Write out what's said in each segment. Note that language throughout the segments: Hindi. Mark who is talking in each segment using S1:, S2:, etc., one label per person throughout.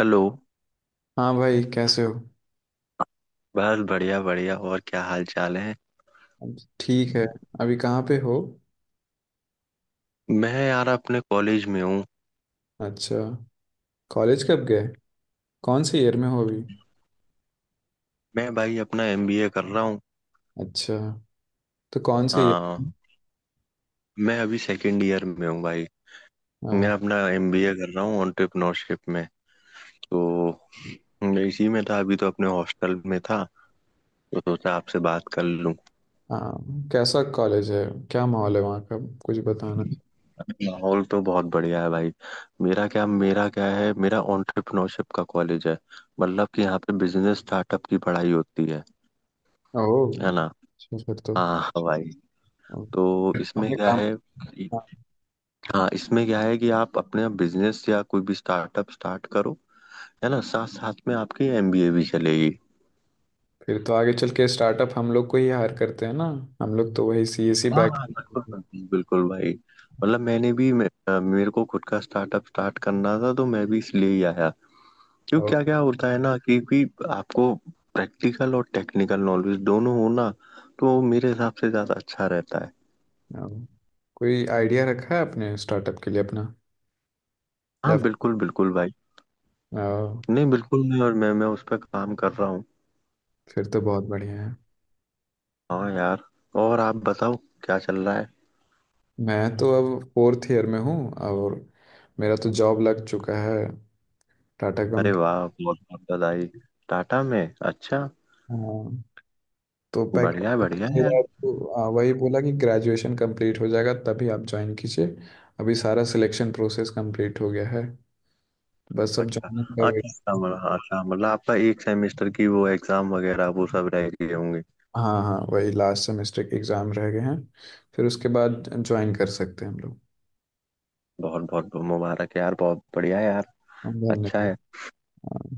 S1: हेलो।
S2: हाँ भाई, कैसे हो?
S1: बस बढ़िया बढ़िया, और क्या हाल चाल है।
S2: ठीक है। अभी कहाँ पे हो?
S1: मैं यार अपने कॉलेज में हूँ।
S2: अच्छा। कॉलेज कब गए? कौन से ईयर में हो अभी?
S1: मैं भाई अपना एमबीए कर रहा हूँ।
S2: अच्छा, तो कौन से ईयर?
S1: हाँ, मैं अभी सेकंड ईयर में हूँ भाई। मैं
S2: हाँ,
S1: अपना एमबीए कर रहा हूँ एंटरप्रेन्योरशिप में। तो मैं इसी में था, अभी तो अपने हॉस्टल में था, तो सोचा आपसे बात कर लूँ।
S2: हाँ, कैसा कॉलेज है? क्या माहौल है वहाँ का? कुछ बताना।
S1: माहौल तो बहुत बढ़िया है भाई। मेरा क्या है, मेरा एंटरप्रेन्योरशिप का कॉलेज है। मतलब कि यहाँ पे बिजनेस स्टार्टअप की पढ़ाई होती है
S2: ओह
S1: है ना।
S2: अच्छा, फिर तो।
S1: हाँ हाँ भाई। तो इसमें
S2: हमें
S1: क्या
S2: काम।
S1: है।
S2: हाँ,
S1: हाँ, इसमें क्या है कि आप अपने बिजनेस या कोई भी स्टार्टअप स्टार्ट करो, है ना। साथ साथ में आपकी एमबीए भी चलेगी।
S2: फिर तो आगे चल के स्टार्टअप हम लोग को ही हायर करते हैं ना। हम लोग तो वही सी एस सी
S1: हाँ
S2: बैक
S1: हाँ, बिल्कुल बिल्कुल बिल्कुल भाई। मतलब मैंने भी मेरे को खुद का स्टार्टअप स्टार्ट करना था, तो मैं भी इसलिए ही आया। क्यों,
S2: और
S1: क्या क्या होता है ना कि आपको प्रैक्टिकल और टेक्निकल नॉलेज दोनों हो ना, तो मेरे हिसाब से ज्यादा अच्छा रहता है।
S2: और कोई आइडिया रखा है अपने स्टार्टअप के लिए अपना? या?
S1: हाँ, बिल्कुल बिल्कुल भाई।
S2: ओ,
S1: नहीं, बिल्कुल नहीं, और मैं उस पर काम कर रहा हूँ।
S2: फिर तो बहुत बढ़िया है।
S1: हाँ यार, और आप बताओ, क्या चल रहा है।
S2: मैं तो अब फोर्थ ईयर में हूँ, और मेरा तो जॉब लग चुका है। टाटा
S1: अरे
S2: कंपनी।
S1: वाह, बहुत बहुत बधाई। टाटा में, अच्छा।
S2: हाँ, तो
S1: बढ़िया
S2: पैकेज।
S1: बढ़िया यार।
S2: मेरा तो वही बोला कि ग्रेजुएशन कंप्लीट हो जाएगा तभी आप ज्वाइन कीजिए। अभी सारा सिलेक्शन प्रोसेस कंप्लीट हो गया है। बस अब
S1: अच्छा
S2: ज्वाइनिंग का
S1: अच्छा
S2: वेट।
S1: अच्छा, मतलब अच्छा, मतलब आपका एक सेमेस्टर की वो एग्जाम वगैरह वो सब रह गए होंगे।
S2: हाँ, हाँ, वही लास्ट सेमेस्टर के एग्ज़ाम रह गए हैं। फिर उसके बाद ज्वाइन कर सकते हैं हम लोग।
S1: बहुत बहुत मुबारक यार, बहुत बढ़िया यार। अच्छा है।
S2: धन्यवाद। हाँ।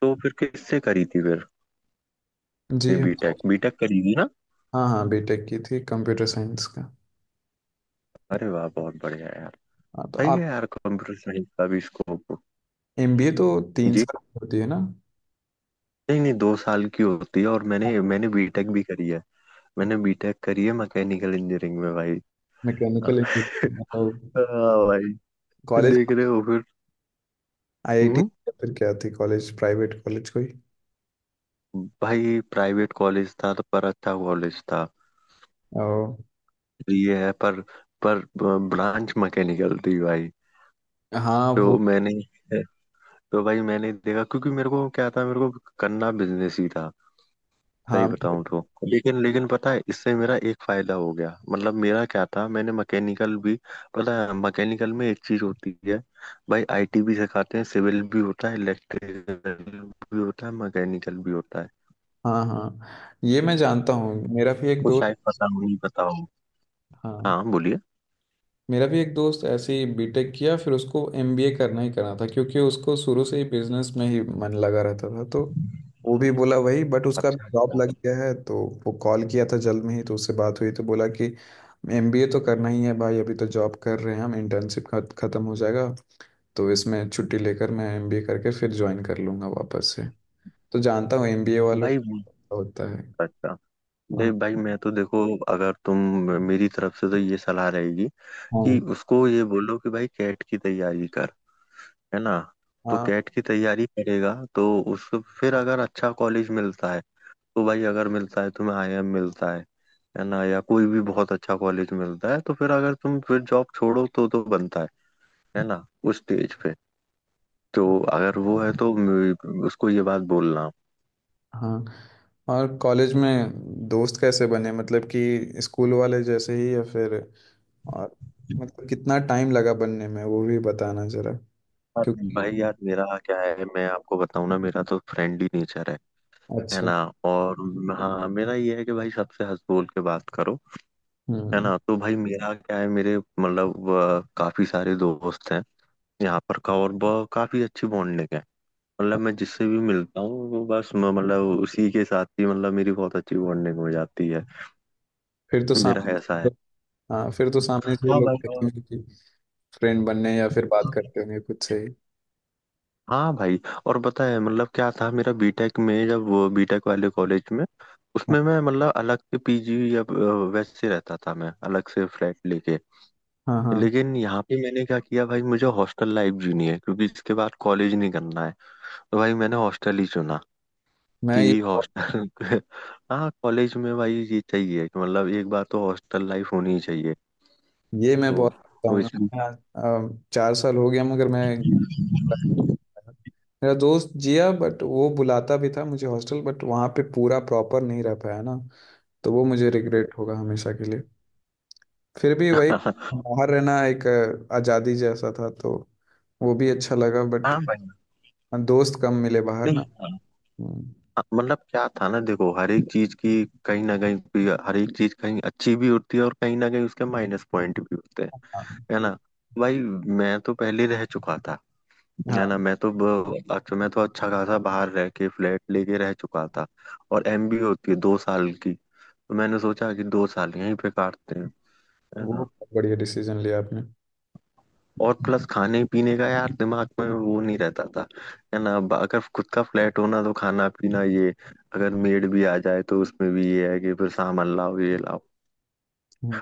S1: तो फिर किससे करी थी फिर,
S2: जी हम तो,
S1: बीटेक बीटेक करी थी ना।
S2: हाँ, हाँ, बीटेक की थी कंप्यूटर साइंस का।
S1: अरे वाह, बहुत बढ़िया यार।
S2: हाँ, तो
S1: सही
S2: आप।
S1: है यार, कंप्यूटर साइंस का भी स्कोप।
S2: एमबीए तो तीन
S1: जी,
S2: साल की होती है ना?
S1: नहीं नहीं, दो साल की होती है, और मैंने मैंने बीटेक भी करी है। मैंने बीटेक करी है मैकेनिकल इंजीनियरिंग में भाई।
S2: मैकेनिकल इंजीनियरिंग तो।
S1: हाँ भाई,
S2: कॉलेज
S1: देख रहे हो फिर।
S2: आईआईटी
S1: हम्म।
S2: या फिर क्या थी कॉलेज, प्राइवेट कॉलेज कोई?
S1: भाई प्राइवेट कॉलेज था तो, पर अच्छा कॉलेज था
S2: ओ,
S1: ये है। पर ब्रांच मैकेनिकल थी भाई।
S2: हाँ वो।
S1: तो मैंने, तो भाई मैंने देखा क्योंकि मेरे को क्या था, मेरे को करना बिजनेस ही था, सही
S2: हाँ,
S1: बताऊं तो। लेकिन लेकिन पता है इससे मेरा एक फायदा हो गया। मतलब मेरा क्या था, मैंने मैकेनिकल भी, पता है मैकेनिकल में एक चीज होती है भाई, आईटी भी सिखाते हैं, सिविल भी होता है, इलेक्ट्रिकल भी होता है, मैकेनिकल भी होता है।
S2: हाँ। हाँ, ये मैं जानता हूँ, मेरा भी एक
S1: तो
S2: दोस्त।
S1: शायद पता हो, नहीं पता।
S2: हाँ,
S1: हाँ बोलिए।
S2: मेरा भी एक दोस्त ऐसे ही बीटेक किया, फिर उसको एमबीए करना ही करना था क्योंकि उसको शुरू से ही बिजनेस में ही मन लगा रहता था। तो वो भी बोला वही, बट उसका
S1: अच्छा
S2: जॉब
S1: अच्छा
S2: लग गया है। तो वो कॉल किया था जल्द में ही, तो उससे बात हुई तो बोला कि एमबीए तो करना ही है भाई, अभी तो जॉब कर रहे हैं हम, इंटर्नशिप खत्म हो जाएगा तो इसमें छुट्टी लेकर मैं एमबीए करके फिर ज्वाइन कर लूंगा वापस से। तो जानता हूँ एमबीए वालों
S1: भाई,
S2: का होता है।
S1: अच्छा। नहीं
S2: हाँ।
S1: भाई, मैं तो देखो, अगर तुम, मेरी तरफ से तो ये सलाह रहेगी कि
S2: हाँ।
S1: उसको ये बोलो कि भाई कैट की तैयारी कर, है ना। तो
S2: हाँ।
S1: कैट की तैयारी करेगा तो उसको फिर अगर अच्छा कॉलेज मिलता है, तो भाई अगर मिलता है तुम्हें आईआईएम मिलता है ना, या कोई भी बहुत अच्छा कॉलेज मिलता है, तो फिर अगर तुम फिर जॉब छोड़ो तो बनता है ना, उस स्टेज पे। तो अगर वो है तो उसको ये बात बोलना।
S2: हाँ। और कॉलेज में दोस्त कैसे बने? मतलब कि स्कूल वाले जैसे ही, या फिर? और मतलब कितना टाइम लगा बनने में, वो भी बताना जरा।
S1: यार,
S2: क्योंकि
S1: भाई यार मेरा क्या है, मैं आपको बताऊं ना, मेरा तो फ्रेंडली नेचर है
S2: अच्छा।
S1: ना। और हाँ मेरा ये है कि भाई सबसे हंस बोल के बात करो, है
S2: हम्म।
S1: ना। तो भाई मेरा क्या है, मेरे मतलब काफी सारे दोस्त हैं यहाँ पर का, और काफी अच्छी बॉन्डिंग है। मतलब मैं जिससे भी मिलता हूँ वो बस मतलब उसी के साथ ही, मतलब मेरी बहुत अच्छी बॉन्डिंग हो जाती है।
S2: फिर तो साम
S1: मेरा ऐसा है।
S2: हाँ, फिर तो सामने से
S1: हाँ
S2: लोग
S1: भाई।
S2: देखेंगे कि फ्रेंड बनने, या फिर बात
S1: और-
S2: करते होंगे खुद से ही।
S1: हाँ भाई, और पता है मतलब क्या था, मेरा बीटेक में जब, बीटेक वाले कॉलेज में,
S2: हाँ,
S1: उसमें मैं मतलब अलग से पीजी या वैसे रहता था, मैं अलग से फ्लैट लेके।
S2: हाँ, हाँ,
S1: लेकिन यहाँ पे मैंने क्या किया भाई, मुझे हॉस्टल लाइफ जीनी है क्योंकि इसके बाद कॉलेज नहीं करना है, तो भाई मैंने हॉस्टल ही चुना
S2: मैं
S1: कि हॉस्टल। हाँ, कॉलेज में भाई ये चाहिए कि मतलब एक बार तो हॉस्टल लाइफ होनी चाहिए।
S2: ये मैं
S1: तो
S2: बहुत
S1: वो
S2: बताऊंगा।
S1: इस।
S2: 4 साल हो गया, मगर मैं, मेरा दोस्त जिया, बट वो बुलाता भी था मुझे हॉस्टल, बट वहाँ पे पूरा प्रॉपर नहीं रह पाया ना। तो वो मुझे रिग्रेट होगा हमेशा के लिए। फिर भी वही, बाहर रहना एक आज़ादी जैसा था, तो वो भी अच्छा लगा, बट
S1: हाँ भाई।
S2: दोस्त कम मिले बाहर ना।
S1: नहीं
S2: हम्म।
S1: मतलब क्या था ना, देखो हर एक चीज की कहीं ना कहीं हर एक चीज कहीं अच्छी भी होती है और कहीं ना कहीं उसके माइनस पॉइंट भी होते हैं,
S2: हाँ,
S1: है ना भाई। मैं तो पहले रह चुका था, है
S2: हाँ,
S1: ना। मैं तो अच्छा, मैं तो अच्छा खासा बाहर रह के फ्लैट लेके रह चुका था, और एमबी होती है दो साल की, तो मैंने सोचा कि दो साल यहीं पे काटते हैं, है
S2: वो
S1: ना।
S2: बहुत बढ़िया डिसीजन लिया आपने।
S1: और प्लस खाने पीने का यार दिमाग में वो नहीं रहता था, है ना। अब अगर खुद का फ्लैट होना तो खाना पीना ये, अगर मेड भी आ जाए तो उसमें भी ये है कि फिर सामान लाओ ये लाओ।
S2: हम्म।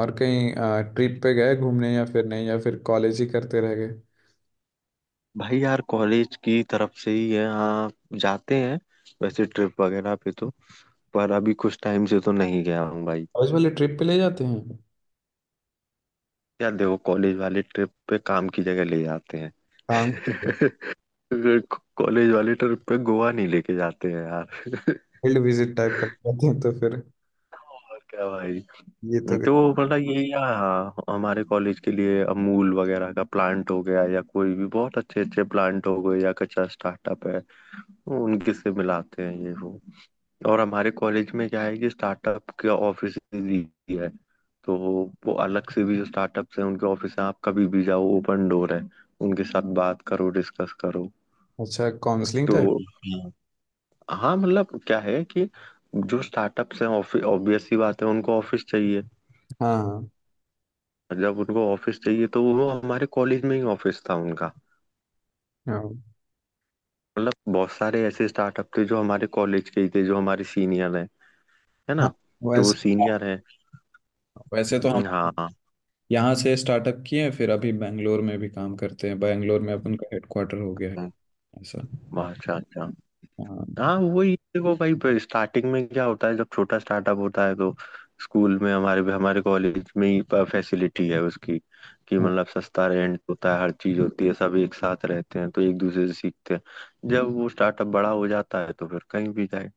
S2: और कहीं ट्रिप पे गए घूमने या फिर नहीं, या फिर कॉलेज ही करते रह गए?
S1: भाई यार, कॉलेज की तरफ से ही है हाँ, जाते हैं वैसे ट्रिप वगैरह पे तो, पर अभी कुछ टाइम से तो नहीं गया हूँ भाई।
S2: कॉलेज वाले ट्रिप पे ले जाते हैं?
S1: यार देखो, कॉलेज वाले ट्रिप पे काम की जगह ले जाते हैं।
S2: काम,
S1: कॉलेज वाले ट्रिप पे गोवा नहीं लेके जाते हैं यार।
S2: फील्ड विजिट टाइप कर जाते हैं तो फिर
S1: और क्या भाई।
S2: ये तो।
S1: तो मतलब ये, या हमारे कॉलेज के लिए अमूल वगैरह का प्लांट हो गया, या कोई भी बहुत अच्छे अच्छे प्लांट हो गए, या कच्चा स्टार्टअप है वो, उनके से मिलाते हैं ये वो। और हमारे कॉलेज में क्या है कि स्टार्टअप के ऑफिस भी है। तो वो अलग से भी जो स्टार्टअप है उनके ऑफिस है, आप कभी भी जाओ, ओपन डोर है, उनके साथ बात करो, डिस्कस करो।
S2: अच्छा, काउंसलिंग
S1: तो
S2: टाइप।
S1: हाँ हाँ, मतलब क्या है कि जो स्टार्टअप्स हैं, ऑब्वियस सी बात है उनको ऑफिस चाहिए।
S2: हाँ,
S1: जब उनको ऑफिस चाहिए तो वो हमारे कॉलेज में ही ऑफिस था उनका।
S2: हाँ।
S1: मतलब बहुत सारे ऐसे स्टार्टअप थे जो हमारे कॉलेज के ही थे, जो हमारे सीनियर हैं, है
S2: हाँ,
S1: ना। तो वो
S2: वैसे,
S1: सीनियर है।
S2: वैसे तो हम
S1: हाँ हाँ
S2: यहाँ से स्टार्टअप किए हैं, फिर अभी बैंगलोर में भी काम करते हैं, बैंगलोर में अपन का हेडक्वार्टर हो गया है। ऐसा।
S1: हाँ, अच्छा अच्छा।
S2: हाँ।
S1: हाँ वही देखो भाई, स्टार्टिंग में क्या होता है जब छोटा स्टार्टअप होता है तो, स्कूल में हमारे हमारे कॉलेज में ही फैसिलिटी है उसकी, कि
S2: हाँ,
S1: मतलब सस्ता रेंट होता है, हर चीज होती है, सब एक साथ रहते हैं तो एक दूसरे से सीखते हैं। जब वो स्टार्टअप बड़ा हो जाता है तो फिर कहीं भी जाए।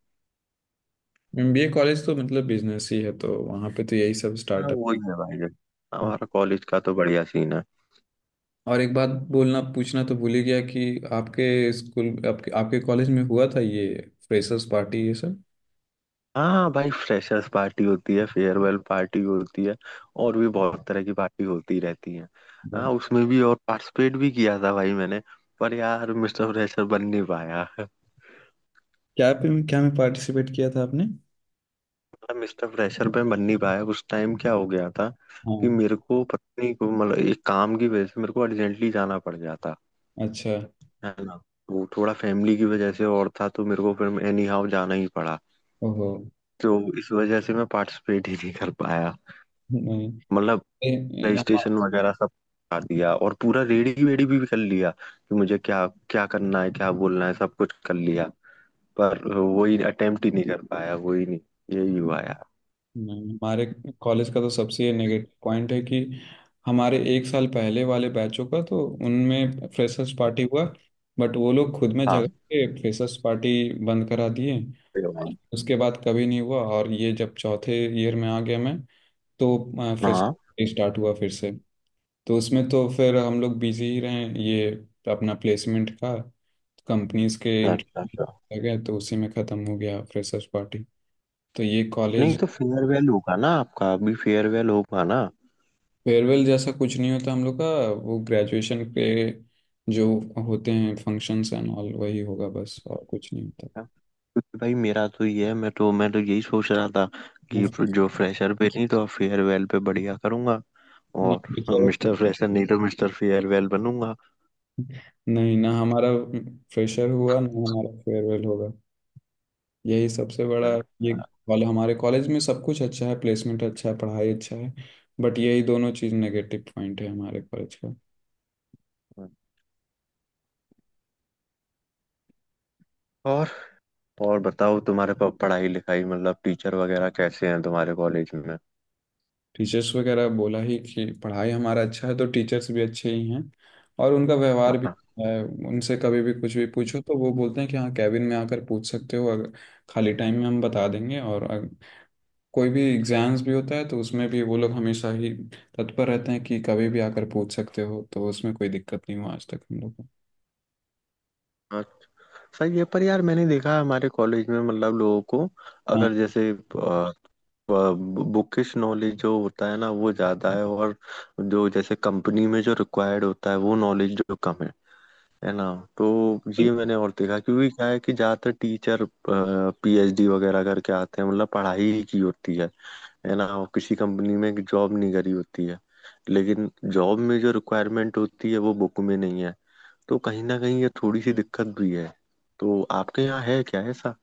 S2: एमबीए कॉलेज तो मतलब बिजनेस ही है, तो वहाँ पे तो यही सब
S1: हाँ
S2: स्टार्टअप।
S1: वही है भाई, देखो
S2: हाँ,
S1: हमारा कॉलेज का तो बढ़िया सीन है।
S2: और एक बात बोलना पूछना तो भूल ही गया कि आपके स्कूल, आपके आपके कॉलेज में हुआ था ये फ्रेशर्स पार्टी, ये
S1: हाँ भाई, फ्रेशर्स पार्टी होती है, फेयरवेल पार्टी होती है, और भी बहुत तरह की पार्टी होती रहती है। हाँ,
S2: सब?
S1: उसमें भी और पार्टिसिपेट भी किया था भाई मैंने, पर यार मिस्टर फ्रेशर बन नहीं पाया।
S2: क्या में पार्टिसिपेट किया था आपने?
S1: मतलब मिस्टर फ्रेशर पे बन नहीं पाया, उस टाइम क्या हो गया था कि
S2: हाँ।
S1: मेरे को पत्नी को, मतलब एक काम की वजह से मेरे को अर्जेंटली जाना पड़ गया था,
S2: अच्छा।
S1: है ना। वो थोड़ा फैमिली की वजह से और था, तो मेरे को फिर एनी हाउ जाना ही पड़ा।
S2: ओहो।
S1: तो इस वजह से मैं पार्टिसिपेट ही नहीं कर पाया।
S2: नहीं,
S1: मतलब
S2: ए-
S1: प्ले
S2: ए-
S1: स्टेशन
S2: हम-
S1: वगैरह सब खा दिया, और पूरा रेडी वेडी भी कर लिया कि मुझे क्या क्या करना है क्या बोलना है, सब कुछ कर लिया, पर वही अटेम्प्ट ही नहीं कर पाया, वही नहीं। यही हुआ यार।
S2: नहीं, हमारे कॉलेज का तो सबसे नेगेटिव पॉइंट है कि हमारे 1 साल पहले वाले बैचों का, तो उनमें फ्रेशर्स पार्टी हुआ, बट वो लोग खुद में
S1: हाँ,
S2: झगड़ के फ्रेशर्स पार्टी बंद करा दिए।
S1: ये
S2: और
S1: भाई।
S2: उसके बाद कभी नहीं हुआ, और ये जब चौथे ईयर में आ गया मैं, तो फ्रेशर्स
S1: हाँ,
S2: पार्टी स्टार्ट हुआ फिर से। तो उसमें तो फिर हम लोग बिजी ही रहे, ये अपना प्लेसमेंट का कंपनीज के
S1: अच्छा अच्छा।
S2: इंटरव्यू आ गया, तो उसी में ख़त्म हो गया फ्रेशर्स पार्टी। तो ये
S1: नहीं
S2: कॉलेज,
S1: तो फेयरवेल होगा ना आपका, अभी फेयरवेल होगा ना।
S2: फेयरवेल जैसा कुछ नहीं होता हम लोग का। वो ग्रेजुएशन के जो होते हैं फंक्शंस एंड ऑल, वही होगा बस, और कुछ नहीं होता।
S1: क्योंकि भाई मेरा तो ये है, मैं तो यही सोच रहा था कि
S2: ना,
S1: जो फ्रेशर पे नहीं तो फेयरवेल पे बढ़िया करूंगा, और
S2: फ्रेशर,
S1: मिस्टर फ्रेशर नहीं तो मिस्टर फेयरवेल बनूंगा।
S2: नहीं ना, हमारा फ्रेशर हुआ ना, हमारा फेयरवेल होगा। यही सबसे बड़ा ये
S1: अच्छा।
S2: कॉल, हमारे कॉलेज में सब कुछ अच्छा है, प्लेसमेंट अच्छा है, पढ़ाई अच्छा है, बट यही दोनों चीज़ नेगेटिव पॉइंट है हमारे कॉलेज का।
S1: और और बताओ, तुम्हारे पास पढ़ाई लिखाई मतलब टीचर वगैरह कैसे हैं तुम्हारे कॉलेज में।
S2: टीचर्स वगैरह बोला ही कि पढ़ाई हमारा अच्छा है, तो टीचर्स भी अच्छे ही हैं, और उनका व्यवहार भी
S1: हाँ,
S2: अच्छा है। उनसे कभी भी कुछ भी पूछो तो वो बोलते हैं कि हाँ, कैबिन में आकर पूछ सकते हो, अगर खाली टाइम में हम बता देंगे। और अगर कोई भी एग्जाम्स भी होता है तो उसमें भी वो लोग हमेशा ही तत्पर रहते हैं कि कभी भी आकर पूछ सकते हो, तो उसमें कोई दिक्कत नहीं हुआ आज तक हम लोग को।
S1: अच्छा। सही है, पर यार मैंने देखा है हमारे कॉलेज में मतलब लोगों को,
S2: हाँ,
S1: अगर जैसे बुकिश नॉलेज जो होता है ना वो ज्यादा है, और जो जैसे कंपनी में जो रिक्वायर्ड होता है वो नॉलेज जो कम है ना। तो ये मैंने और देखा क्योंकि क्या है कि ज्यादातर टीचर पीएचडी वगैरह करके आते हैं, मतलब पढ़ाई ही की होती है ना, और किसी कंपनी में जॉब नहीं करी होती है। लेकिन जॉब में जो रिक्वायरमेंट होती है वो बुक में नहीं है, तो कहीं ना कहीं ये थोड़ी सी दिक्कत भी है। तो आपके यहाँ है क्या ऐसा।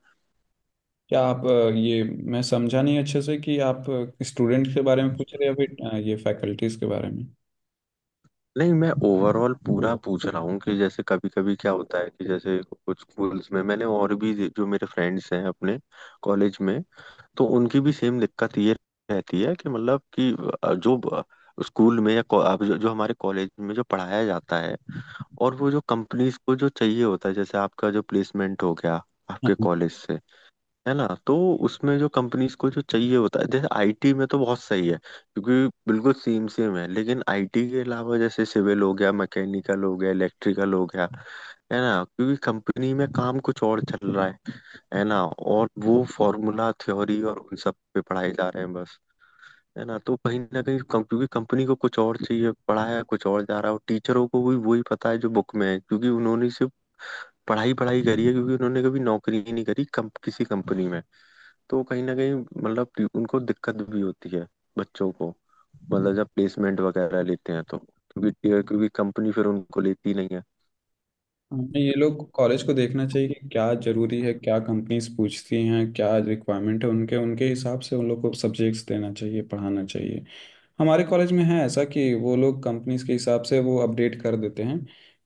S2: क्या आप ये मैं समझा नहीं अच्छे से कि आप स्टूडेंट के बारे में पूछ रहे हैं या फिर ये फैकल्टीज के बारे में?
S1: नहीं, मैं ओवरऑल पूरा पूछ रहा हूँ कि जैसे कभी कभी क्या होता है कि जैसे कुछ स्कूल्स में, मैंने और भी जो मेरे फ्रेंड्स हैं अपने कॉलेज में, तो उनकी भी सेम दिक्कत ये रहती है कि मतलब कि अ, जो ब- स्कूल में या अब जो हमारे कॉलेज में जो पढ़ाया जाता है, और वो जो कंपनीज को जो चाहिए होता है, जैसे आपका जो प्लेसमेंट हो गया आपके
S2: हाँ,
S1: कॉलेज से, है ना, तो उसमें जो कंपनीज को जो चाहिए होता है, जैसे आईटी में तो बहुत सही है क्योंकि बिल्कुल सेम सेम है। लेकिन आईटी के अलावा जैसे सिविल हो गया, मैकेनिकल हो गया, इलेक्ट्रिकल हो गया, है ना, क्योंकि कंपनी में काम कुछ और चल रहा है ना, और वो फॉर्मूला थ्योरी और उन सब पे पढ़ाए जा रहे हैं बस, है ना। तो कहीं ना कहीं क्योंकि कंपनी को कुछ और चाहिए, पढ़ाया कुछ और जा रहा है, और टीचरों को भी वही पता है जो बुक में है, क्योंकि उन्होंने सिर्फ पढ़ाई पढ़ाई करी है, क्योंकि उन्होंने कभी नौकरी ही नहीं करी किसी कंपनी में। तो कहीं ना कहीं मतलब उनको दिक्कत भी होती है बच्चों को, मतलब जब प्लेसमेंट वगैरह लेते हैं तो क्योंकि, क्योंकि कंपनी फिर उनको लेती नहीं है।
S2: हमें ये लोग कॉलेज को देखना चाहिए कि क्या जरूरी है, क्या कंपनीज पूछती हैं, क्या रिक्वायरमेंट है उनके उनके हिसाब से उन लोग को सब्जेक्ट्स देना चाहिए, पढ़ाना चाहिए। हमारे कॉलेज में है ऐसा कि वो लोग कंपनीज के हिसाब से वो अपडेट कर देते हैं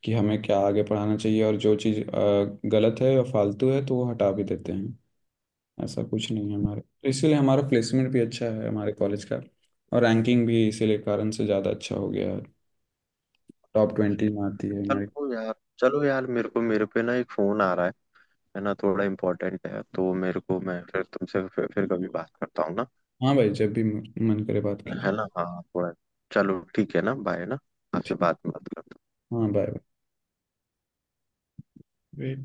S2: कि हमें क्या आगे पढ़ाना चाहिए, और जो चीज़ गलत है या फालतू है तो वो हटा भी देते हैं। ऐसा कुछ नहीं है हमारे, तो इसीलिए हमारा प्लेसमेंट भी अच्छा है हमारे कॉलेज का, और रैंकिंग भी इसीलिए कारण से ज़्यादा अच्छा हो गया है। टॉप 20 में आती है हमारी।
S1: चलो यार, चलो यार, मेरे को मेरे पे ना एक फोन आ रहा है ना, थोड़ा इम्पोर्टेंट है तो मेरे को, मैं फिर तुमसे फिर कभी बात करता हूँ ना,
S2: हाँ भाई, जब भी मन मन करे बात कीजिए।
S1: है ना। हाँ थोड़ा, चलो ठीक है ना, बाय ना। आपसे बात बात।
S2: हाँ, बाय। बाय।